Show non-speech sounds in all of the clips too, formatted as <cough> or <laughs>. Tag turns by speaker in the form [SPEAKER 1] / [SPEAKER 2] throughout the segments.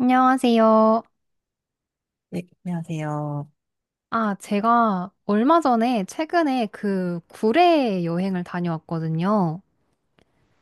[SPEAKER 1] 안녕하세요.
[SPEAKER 2] 네, 안녕하세요.
[SPEAKER 1] 제가 얼마 전에 최근에 그 구례 여행을 다녀왔거든요.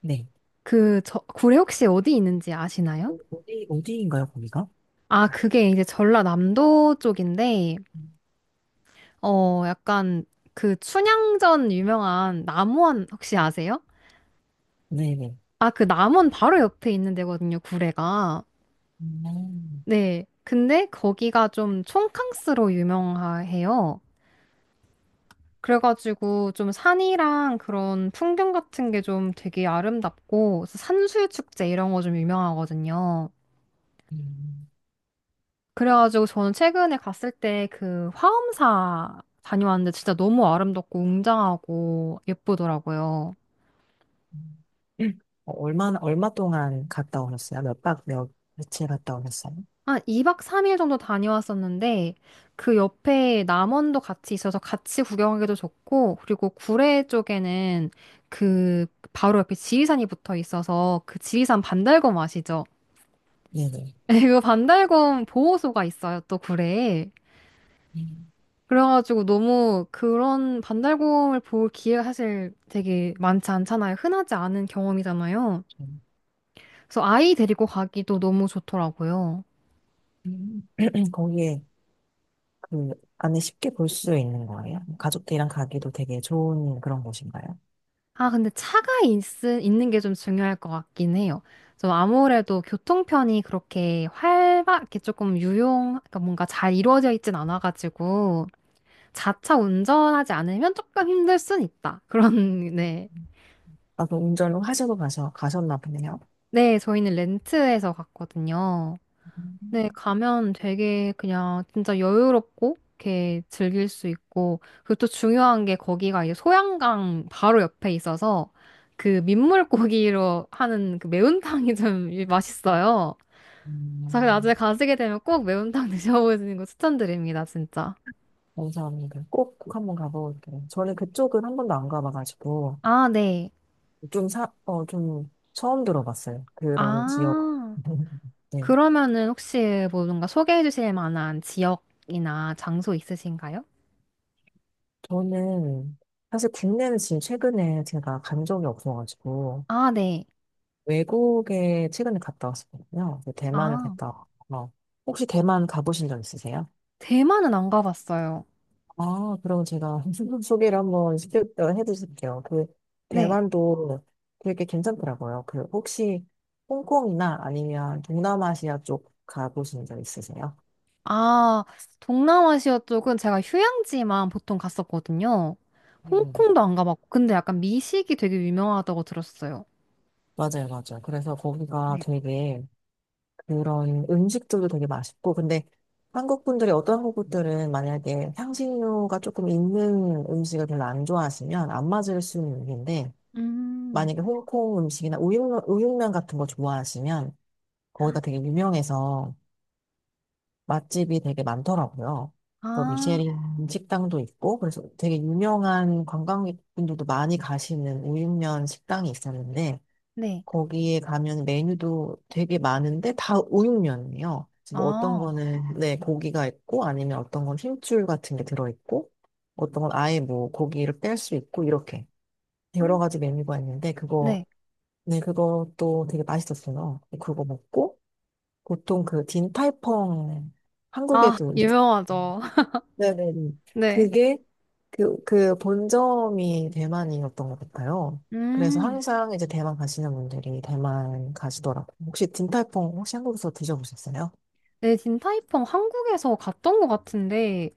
[SPEAKER 2] 네.
[SPEAKER 1] 구례 혹시 어디 있는지 아시나요?
[SPEAKER 2] 어디인가요, 거기가?
[SPEAKER 1] 아, 그게 이제 전라남도 쪽인데,
[SPEAKER 2] 음,
[SPEAKER 1] 약간 그 춘향전 유명한 남원 혹시 아세요?
[SPEAKER 2] 네네.
[SPEAKER 1] 아, 그 남원 바로 옆에 있는 데거든요, 구례가.
[SPEAKER 2] 음.
[SPEAKER 1] 네. 근데 거기가 좀 촌캉스로 유명해요. 그래가지고 좀 산이랑 그런 풍경 같은 게 좀 되게 아름답고 산수유축제 이런 거 좀 유명하거든요.
[SPEAKER 2] 음.
[SPEAKER 1] 그래가지고 저는 최근에 갔을 때 그 화엄사 다녀왔는데 진짜 너무 아름답고 웅장하고 예쁘더라고요.
[SPEAKER 2] 음. 음. 얼마 동안 갔다 오셨어요? 몇 박, 며칠 갔다 오셨어요?
[SPEAKER 1] 한 2박 3일 정도 다녀왔었는데 그 옆에 남원도 같이 있어서 같이 구경하기도 좋고 그리고 구례 쪽에는 그 바로 옆에 지리산이 붙어 있어서 그 지리산 반달곰 아시죠?
[SPEAKER 2] 네네.
[SPEAKER 1] 그 반달곰 보호소가 있어요, 또 굴에.
[SPEAKER 2] 음.
[SPEAKER 1] 그래가지고 너무 그런 반달곰을 볼 기회가 사실 되게 많지 않잖아요. 흔하지 않은 경험이잖아요.
[SPEAKER 2] 음.
[SPEAKER 1] 그래서 아이 데리고 가기도 너무 좋더라고요.
[SPEAKER 2] 음, <clears throat> 거기에 그 안에 쉽게 볼 수 있는 거예요? 가족들이랑 가기도 되게 좋은 그런 곳인가요?
[SPEAKER 1] 아, 있는 게 좀 중요할 것 같긴 해요. 좀 아무래도 교통편이 그렇게 활발하게 조금 그러니까 뭔가 잘 이루어져 있진 않아가지고 자차 운전하지 않으면 조금 힘들 순 있다. 그런, 네.
[SPEAKER 2] 아, 그 운전을 하셔도 가셨나 보네요.
[SPEAKER 1] 네, 저희는 렌트해서 갔거든요.
[SPEAKER 2] 음,
[SPEAKER 1] 네, 가면 되게 그냥 진짜 여유롭고 이렇게 즐길 수 있고 그리고 또 중요한 게 거기가 이제 소양강 바로 옆에 있어서 그 민물고기로 하는 그 매운탕이 좀 <laughs> 맛있어요. 그래서 나중에
[SPEAKER 2] 음,
[SPEAKER 1] 가시게 되면 꼭 매운탕 <laughs> 드셔보시는 거 추천드립니다, 진짜.
[SPEAKER 2] 감사합니다. 꼭 한번 가보고 올게요. 저는 그쪽은 한 번도 안 가봐가지고.
[SPEAKER 1] 아, 네.
[SPEAKER 2] 좀 처음 들어봤어요. 그런 지역.
[SPEAKER 1] 아,
[SPEAKER 2] <laughs> 네.
[SPEAKER 1] 그러면은 혹시 뭐 뭔가 소개해 주실 만한 지역이나 장소 있으신가요?
[SPEAKER 2] 저는 사실 국내는 지금 최근에 제가 간 적이 없어가지고
[SPEAKER 1] 아, 네.
[SPEAKER 2] 외국에 최근에 갔다 왔었거든요. 그 대만을
[SPEAKER 1] 아.
[SPEAKER 2] 갔다 왔고. 혹시 대만 가보신 적 있으세요?
[SPEAKER 1] 대만은 안 가봤어요.
[SPEAKER 2] 아, 그럼 제가 <laughs> 소개를 한번 해드릴게요. 그
[SPEAKER 1] 네.
[SPEAKER 2] 대만도 되게 괜찮더라고요. 그 혹시 홍콩이나 아니면 동남아시아 쪽 가보신 적 있으세요?
[SPEAKER 1] 아, 동남아시아 쪽은 제가 휴양지만 보통 갔었거든요.
[SPEAKER 2] 네.
[SPEAKER 1] 홍콩도 안 가봤고, 근데 약간 미식이 되게 유명하다고 들었어요.
[SPEAKER 2] 맞아요, 맞아요. 그래서 거기가
[SPEAKER 1] 네.
[SPEAKER 2] 되게 그런 음식들도 되게 맛있고, 근데 한국 분들이 어떤 한국 분들은 만약에 향신료가 조금 있는 음식을 별로 안 좋아하시면 안 맞을 수는 있는데,
[SPEAKER 1] 음.
[SPEAKER 2] 만약에 홍콩 음식이나 우육면 같은 거 좋아하시면 거기가 되게 유명해서 맛집이 되게 많더라고요. 또
[SPEAKER 1] 아,
[SPEAKER 2] 미쉐린 식당도 있고, 그래서 되게 유명한 관광객분들도 많이 가시는 우육면 식당이 있었는데,
[SPEAKER 1] 네.
[SPEAKER 2] 거기에 가면 메뉴도 되게 많은데 다 우육면이에요. 뭐 어떤
[SPEAKER 1] 아,
[SPEAKER 2] 거는 네 고기가 있고 아니면 어떤 건 힘줄 같은 게 들어 있고 어떤 건 아예 뭐 고기를 뺄 수 있고 이렇게 여러 가지 메뉴가 있는데 그거
[SPEAKER 1] 네.
[SPEAKER 2] 네 그것도 되게 맛있었어요. 그거 먹고 보통 그 딘타이펑
[SPEAKER 1] 아,
[SPEAKER 2] 한국에도
[SPEAKER 1] 유명하죠. <laughs>
[SPEAKER 2] 네네네.
[SPEAKER 1] 네.
[SPEAKER 2] 그게 그 본점이 대만이었던 것 같아요. 그래서
[SPEAKER 1] 음.
[SPEAKER 2] 항상 이제 대만 가시는 분들이 대만 가시더라고요. 혹시 딘탈퐁 혹시 한국에서 드셔보셨어요?
[SPEAKER 1] 네, 딘타이펑 한국에서 갔던 것 같은데,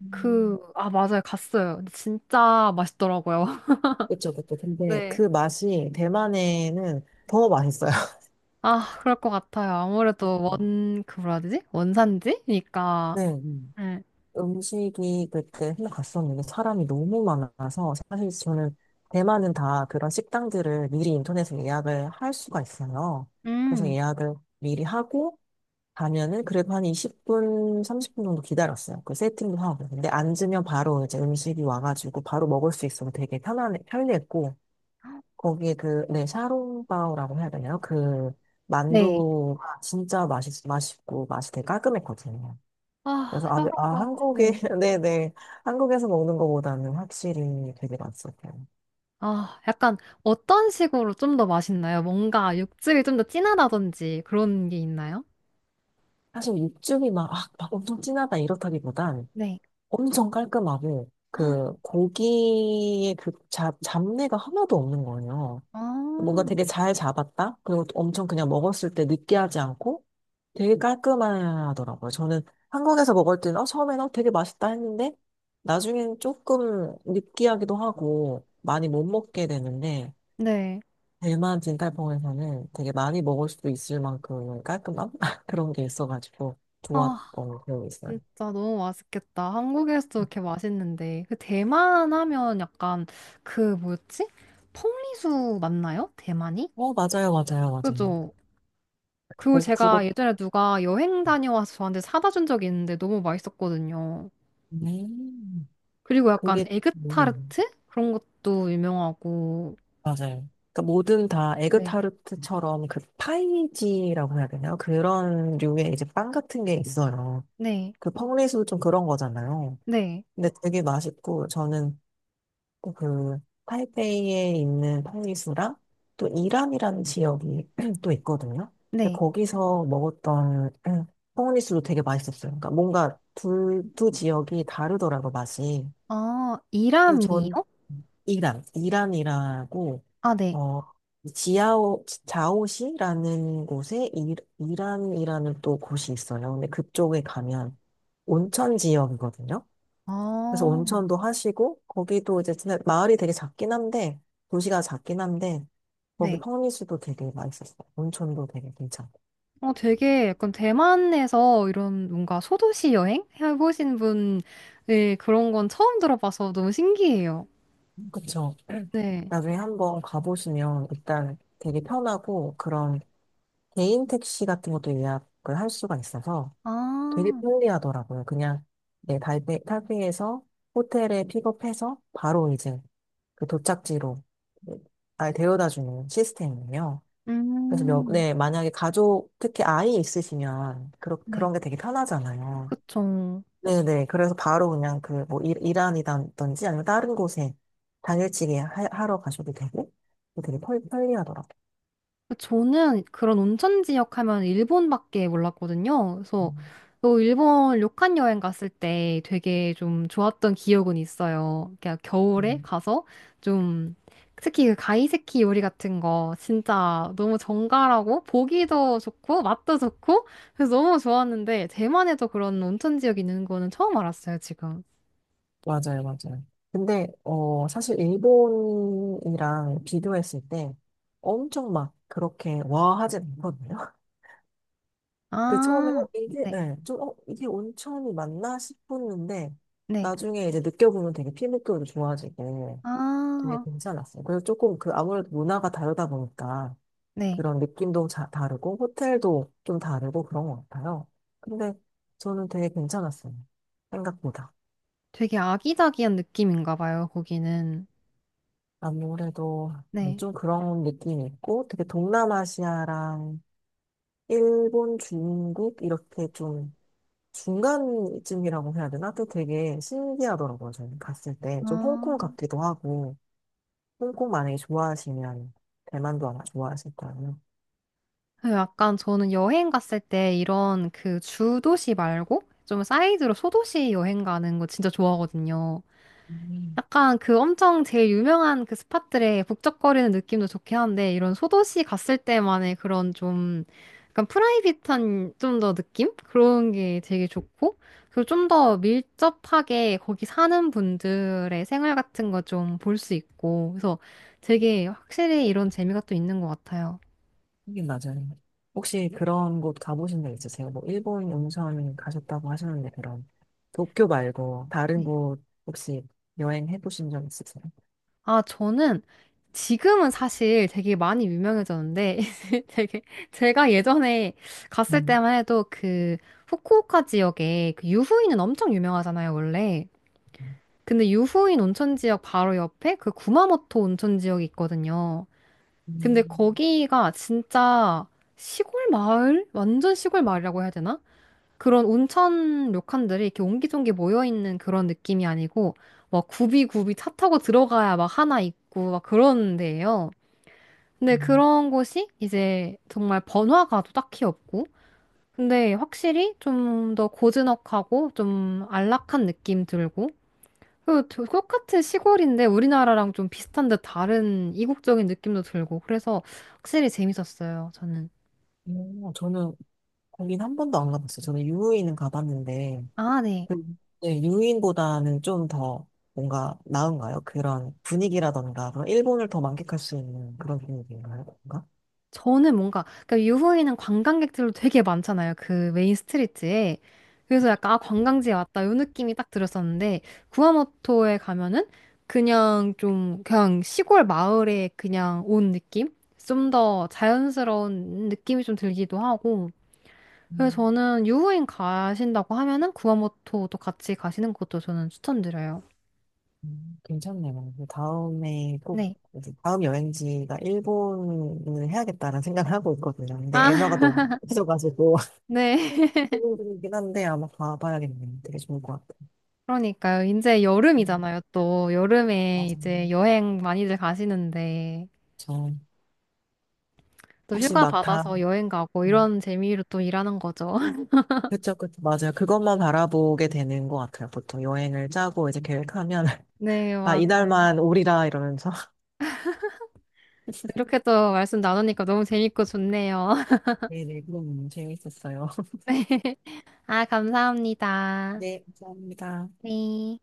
[SPEAKER 2] 음,
[SPEAKER 1] 아, 맞아요. 갔어요. 근데 진짜 맛있더라고요. <laughs>
[SPEAKER 2] 그쵸, 그쵸. 근데
[SPEAKER 1] 네.
[SPEAKER 2] 그 맛이 대만에는 더 맛있어요. <laughs>
[SPEAKER 1] 아, 그럴 것 같아요. 아무래도
[SPEAKER 2] 음,
[SPEAKER 1] 그 뭐라 해야 되지? 원산지니까.
[SPEAKER 2] 네. 음.
[SPEAKER 1] 네.
[SPEAKER 2] 음식이 그때 한번 갔었는데 사람이 너무 많아서 사실 저는 대만은 다 그런 식당들을 미리 인터넷에 예약을 할 수가 있어요. 그래서
[SPEAKER 1] 음,
[SPEAKER 2] 예약을 미리 하고 가면은 그래도 한 20분, 30분 정도 기다렸어요. 그 세팅도 하고. 근데 앉으면 바로 이제 음식이 와가지고 바로 먹을 수 있어서 되게 편리했고, 거기에 네, 샤롱바오라고 해야 되나요?
[SPEAKER 1] 네.
[SPEAKER 2] 만두가 진짜 맛있고, 맛이 되게 깔끔했거든요. 그래서,
[SPEAKER 1] 아, 협
[SPEAKER 2] 네,
[SPEAKER 1] 업 네.
[SPEAKER 2] <laughs> 네네. 한국에서 먹는 것보다는 확실히 되게 맛있었어요.
[SPEAKER 1] 아, 약간 어떤 식으로 좀 더 맛있나요? 뭔가 육즙이 좀 더 진하다든지 그런 게 있나요?
[SPEAKER 2] 사실 육즙이 막 엄청 진하다 이렇다기보단,
[SPEAKER 1] 네.
[SPEAKER 2] 엄청 깔끔하고
[SPEAKER 1] 헉,
[SPEAKER 2] 그 고기의 그 잡내가 하나도 없는 거예요.
[SPEAKER 1] 아,
[SPEAKER 2] 뭔가 되게 잘 잡았다? 그리고 또 엄청 그냥 먹었을 때 느끼하지 않고 되게 깔끔하더라고요. 저는 한국에서 먹을 때는 처음에는 되게 맛있다 했는데 나중엔 조금 느끼하기도 하고 많이 못 먹게 되는데
[SPEAKER 1] 네.
[SPEAKER 2] 대만 진달봉에서는 되게 많이 먹을 수도 있을 만큼 깔끔함? <laughs> 그런 게 있어가지고
[SPEAKER 1] 아,
[SPEAKER 2] 좋았던 기억이 있어요.
[SPEAKER 1] 진짜 너무 맛있겠다. 한국에서도 이렇게 맛있는데. 그 대만 하면 약간 그 뭐였지? 퐁리수 맞나요? 대만이?
[SPEAKER 2] 맞아요, 맞아요, 맞아요.
[SPEAKER 1] 그죠? 그리고
[SPEAKER 2] 뭐, 그거
[SPEAKER 1] 제가 예전에 누가 여행 다녀와서 저한테 사다 준 적이 있는데 너무 맛있었거든요.
[SPEAKER 2] 네.
[SPEAKER 1] 그리고 약간
[SPEAKER 2] 그게 뭐예요?
[SPEAKER 1] 에그타르트? 그런 것도 유명하고.
[SPEAKER 2] 맞아요. 그러니까 뭐든 다
[SPEAKER 1] 네.
[SPEAKER 2] 에그타르트처럼 그 파이지라고 해야 되나요? 그런 류의 이제 빵 같은 게 있어요.
[SPEAKER 1] 네.
[SPEAKER 2] 그 펑리수도 좀 그런 거잖아요.
[SPEAKER 1] 네.
[SPEAKER 2] 근데 되게 맛있고 저는 또그 타이베이에 있는 펑리수랑 또 이란이라는 지역이 <clears throat> 또 있거든요. 근데
[SPEAKER 1] 네.
[SPEAKER 2] 거기서 먹었던 <clears throat> 펑리수도 되게 맛있었어요. 그러니까 뭔가 두 지역이 다르더라고 맛이.
[SPEAKER 1] 아,
[SPEAKER 2] 그래서 전
[SPEAKER 1] 이라미요?
[SPEAKER 2] 이란이라고,
[SPEAKER 1] 아, 네.
[SPEAKER 2] 어, 자오시라는 곳에 이란이라는 또 곳이 있어요. 근데 그쪽에 가면 온천 지역이거든요. 그래서
[SPEAKER 1] 아,
[SPEAKER 2] 온천도 하시고, 거기도 이제 진짜 마을이 되게 작긴 한데, 도시가 작긴 한데, 거기
[SPEAKER 1] 네.
[SPEAKER 2] 펑리스도 되게 맛있었어요. 온천도 되게 괜찮고.
[SPEAKER 1] 되게 약간 대만에서 이런 뭔가 소도시 여행 해보신 분, 네, 그런 건 처음 들어봐서 너무 신기해요.
[SPEAKER 2] 그쵸.
[SPEAKER 1] 네.
[SPEAKER 2] 나중에 한번 가보시면 일단 되게 편하고, 그런 개인 택시 같은 것도 예약을 할 수가 있어서, 되게
[SPEAKER 1] 아,
[SPEAKER 2] 편리하더라고요. 그냥 네, 타이페이에서 호텔에 픽업해서 바로 이제 그 도착지로 날 데려다 주는 시스템이에요. 그래서
[SPEAKER 1] 음,
[SPEAKER 2] 네, 만약에 가족, 특히 아이 있으시면
[SPEAKER 1] 네.
[SPEAKER 2] 그런 게 되게 편하잖아요.
[SPEAKER 1] 그쵸.
[SPEAKER 2] 네네. 그래서 바로 그냥 그 뭐 이란이라든지 아니면 다른 곳에 당일치기 하러 가셔도 되고 되게 편리하더라고요.
[SPEAKER 1] 저는 그런 온천 지역 하면 일본밖에 몰랐거든요. 그래서 또 일본 료칸 여행 갔을 때 되게 좀 좋았던 기억은 있어요. 그러니까 겨울에
[SPEAKER 2] 음.
[SPEAKER 1] 가서 좀 특히 그 가이세키 요리 같은 거 진짜 너무 정갈하고 보기도 좋고 맛도 좋고 그래서 너무 좋았는데 대만에도 그런 온천 지역이 있는 거는 처음 알았어요, 지금.
[SPEAKER 2] 맞아요, 맞아요. 근데, 사실 일본이랑 비교했을 때 엄청 막 그렇게 와 하진 않거든요. <laughs> 그 처음에,
[SPEAKER 1] 아, 네,
[SPEAKER 2] 예, 좀, 이게 온천이 맞나 싶었는데,
[SPEAKER 1] 네.
[SPEAKER 2] 나중에 이제 느껴보면 되게 피부결도 좋아지고 되게
[SPEAKER 1] 아,
[SPEAKER 2] 괜찮았어요. 그래서 조금 그 아무래도 문화가 다르다 보니까
[SPEAKER 1] 네.
[SPEAKER 2] 그런 느낌도 다르고 호텔도 좀 다르고 그런 것 같아요. 근데 저는 되게 괜찮았어요. 생각보다.
[SPEAKER 1] 되게 아기자기한 느낌인가 봐요, 거기는.
[SPEAKER 2] 아무래도 네,
[SPEAKER 1] 네.
[SPEAKER 2] 좀 그런 느낌이 있고 되게 동남아시아랑 일본, 중국 이렇게 좀 중간쯤이라고 해야 되나? 또 되게 신기하더라고요. 저는 갔을 때 좀 홍콩
[SPEAKER 1] 아,
[SPEAKER 2] 같기도 하고 홍콩 만약에 좋아하시면 대만도 아마 좋아하실 거예요.
[SPEAKER 1] 그 약간 저는 여행 갔을 때 이런 그 주도시 말고 좀 사이드로 소도시 여행 가는 거 진짜 좋아하거든요.
[SPEAKER 2] 음,
[SPEAKER 1] 약간 그 엄청 제일 유명한 그 스팟들의 북적거리는 느낌도 좋긴 한데 이런 소도시 갔을 때만의 그런 좀 약간 프라이빗한 좀 더 느낌? 그런 게 되게 좋고 그리고 좀 더 밀접하게 거기 사는 분들의 생활 같은 거 좀 볼 수 있고 그래서 되게 확실히 이런 재미가 또 있는 것 같아요.
[SPEAKER 2] 하긴 맞아요. 혹시 그런 곳 가보신 적 있으세요? 뭐 일본 온천 가셨다고 하셨는데 그럼 도쿄 말고 다른
[SPEAKER 1] 네.
[SPEAKER 2] 곳 혹시 여행해 보신 적 있으세요?
[SPEAKER 1] 아, 저는 지금은 사실 되게 많이 유명해졌는데, <laughs> 되게, 제가 예전에 갔을
[SPEAKER 2] 음.
[SPEAKER 1] 때만 해도 그 후쿠오카 지역에 그 유후인은 엄청 유명하잖아요, 원래. 근데 유후인 온천 지역 바로 옆에 그 구마모토 온천 지역이 있거든요. 근데
[SPEAKER 2] 음.
[SPEAKER 1] 거기가 진짜 시골 마을? 완전 시골 마을이라고 해야 되나? 그런 온천 료칸들이 이렇게 옹기종기 모여있는 그런 느낌이 아니고, 막 굽이굽이 차 타고 들어가야 막 하나 있고, 막 그런 데예요. 근데
[SPEAKER 2] 음.
[SPEAKER 1] 그런 곳이 이제 정말 번화가도 딱히 없고, 근데 확실히 좀 더 고즈넉하고, 좀 안락한 느낌 들고, 그 똑같은 시골인데 우리나라랑 좀 비슷한 듯 다른 이국적인 느낌도 들고, 그래서 확실히 재밌었어요, 저는.
[SPEAKER 2] 저는 거긴 한 번도 안 가봤어요. 저는 유후인은 가봤는데,
[SPEAKER 1] 아, 네.
[SPEAKER 2] 그- 네, 유후인보다는 좀 더 뭔가 나은가요? 그런 분위기라던가, 그런 일본을 더 만끽할 수 있는 그런 분위기인가요? 뭔가?
[SPEAKER 1] 저는 뭔가 그러니까 유후에는 관광객들도 되게 많잖아요. 그 메인 스트리트에. 그래서 약간 아 관광지에 왔다 요 느낌이 딱 들었었는데 구아모토에 가면은 그냥 좀 그냥 시골 마을에 그냥 온 느낌? 좀 더 자연스러운 느낌이 좀 들기도 하고 그래서
[SPEAKER 2] 음,
[SPEAKER 1] 저는 유후인 가신다고 하면은 구아모토도 같이 가시는 것도 저는 추천드려요.
[SPEAKER 2] 괜찮네요. 그 다음에 꼭,
[SPEAKER 1] 네.
[SPEAKER 2] 이제 다음 여행지가 일본을 해야겠다는 생각을 하고 있거든요. 근데
[SPEAKER 1] 아,
[SPEAKER 2] 엔화가
[SPEAKER 1] <laughs>
[SPEAKER 2] 너무 커져가지고, <laughs>
[SPEAKER 1] 네.
[SPEAKER 2] 고민이긴 한데 아마 가봐야겠네요. 되게 좋을 것 같아요.
[SPEAKER 1] 그러니까요. 이제
[SPEAKER 2] 음,
[SPEAKER 1] 여름이잖아요. 또 여름에 이제
[SPEAKER 2] 맞아요.
[SPEAKER 1] 여행 많이들 가시는데
[SPEAKER 2] 저,
[SPEAKER 1] 또
[SPEAKER 2] 혹시
[SPEAKER 1] 휴가
[SPEAKER 2] 막
[SPEAKER 1] 받아서 여행 가고 이런 재미로 또 일하는 거죠. <laughs>
[SPEAKER 2] 그쵸, 그쵸. 맞아요. 그것만 바라보게 되는 것 같아요. 보통 여행을 짜고 이제 계획하면, <laughs>
[SPEAKER 1] 네,
[SPEAKER 2] 아,
[SPEAKER 1] 맞아요.
[SPEAKER 2] 이날만 오리라 이러면서. <laughs>
[SPEAKER 1] 이렇게 또 말씀 나누니까 너무 재밌고 좋네요.
[SPEAKER 2] 네네, 그럼 재밌었어요. <laughs>
[SPEAKER 1] <laughs> 네. 아, 감사합니다.
[SPEAKER 2] 네, 감사합니다.
[SPEAKER 1] 네.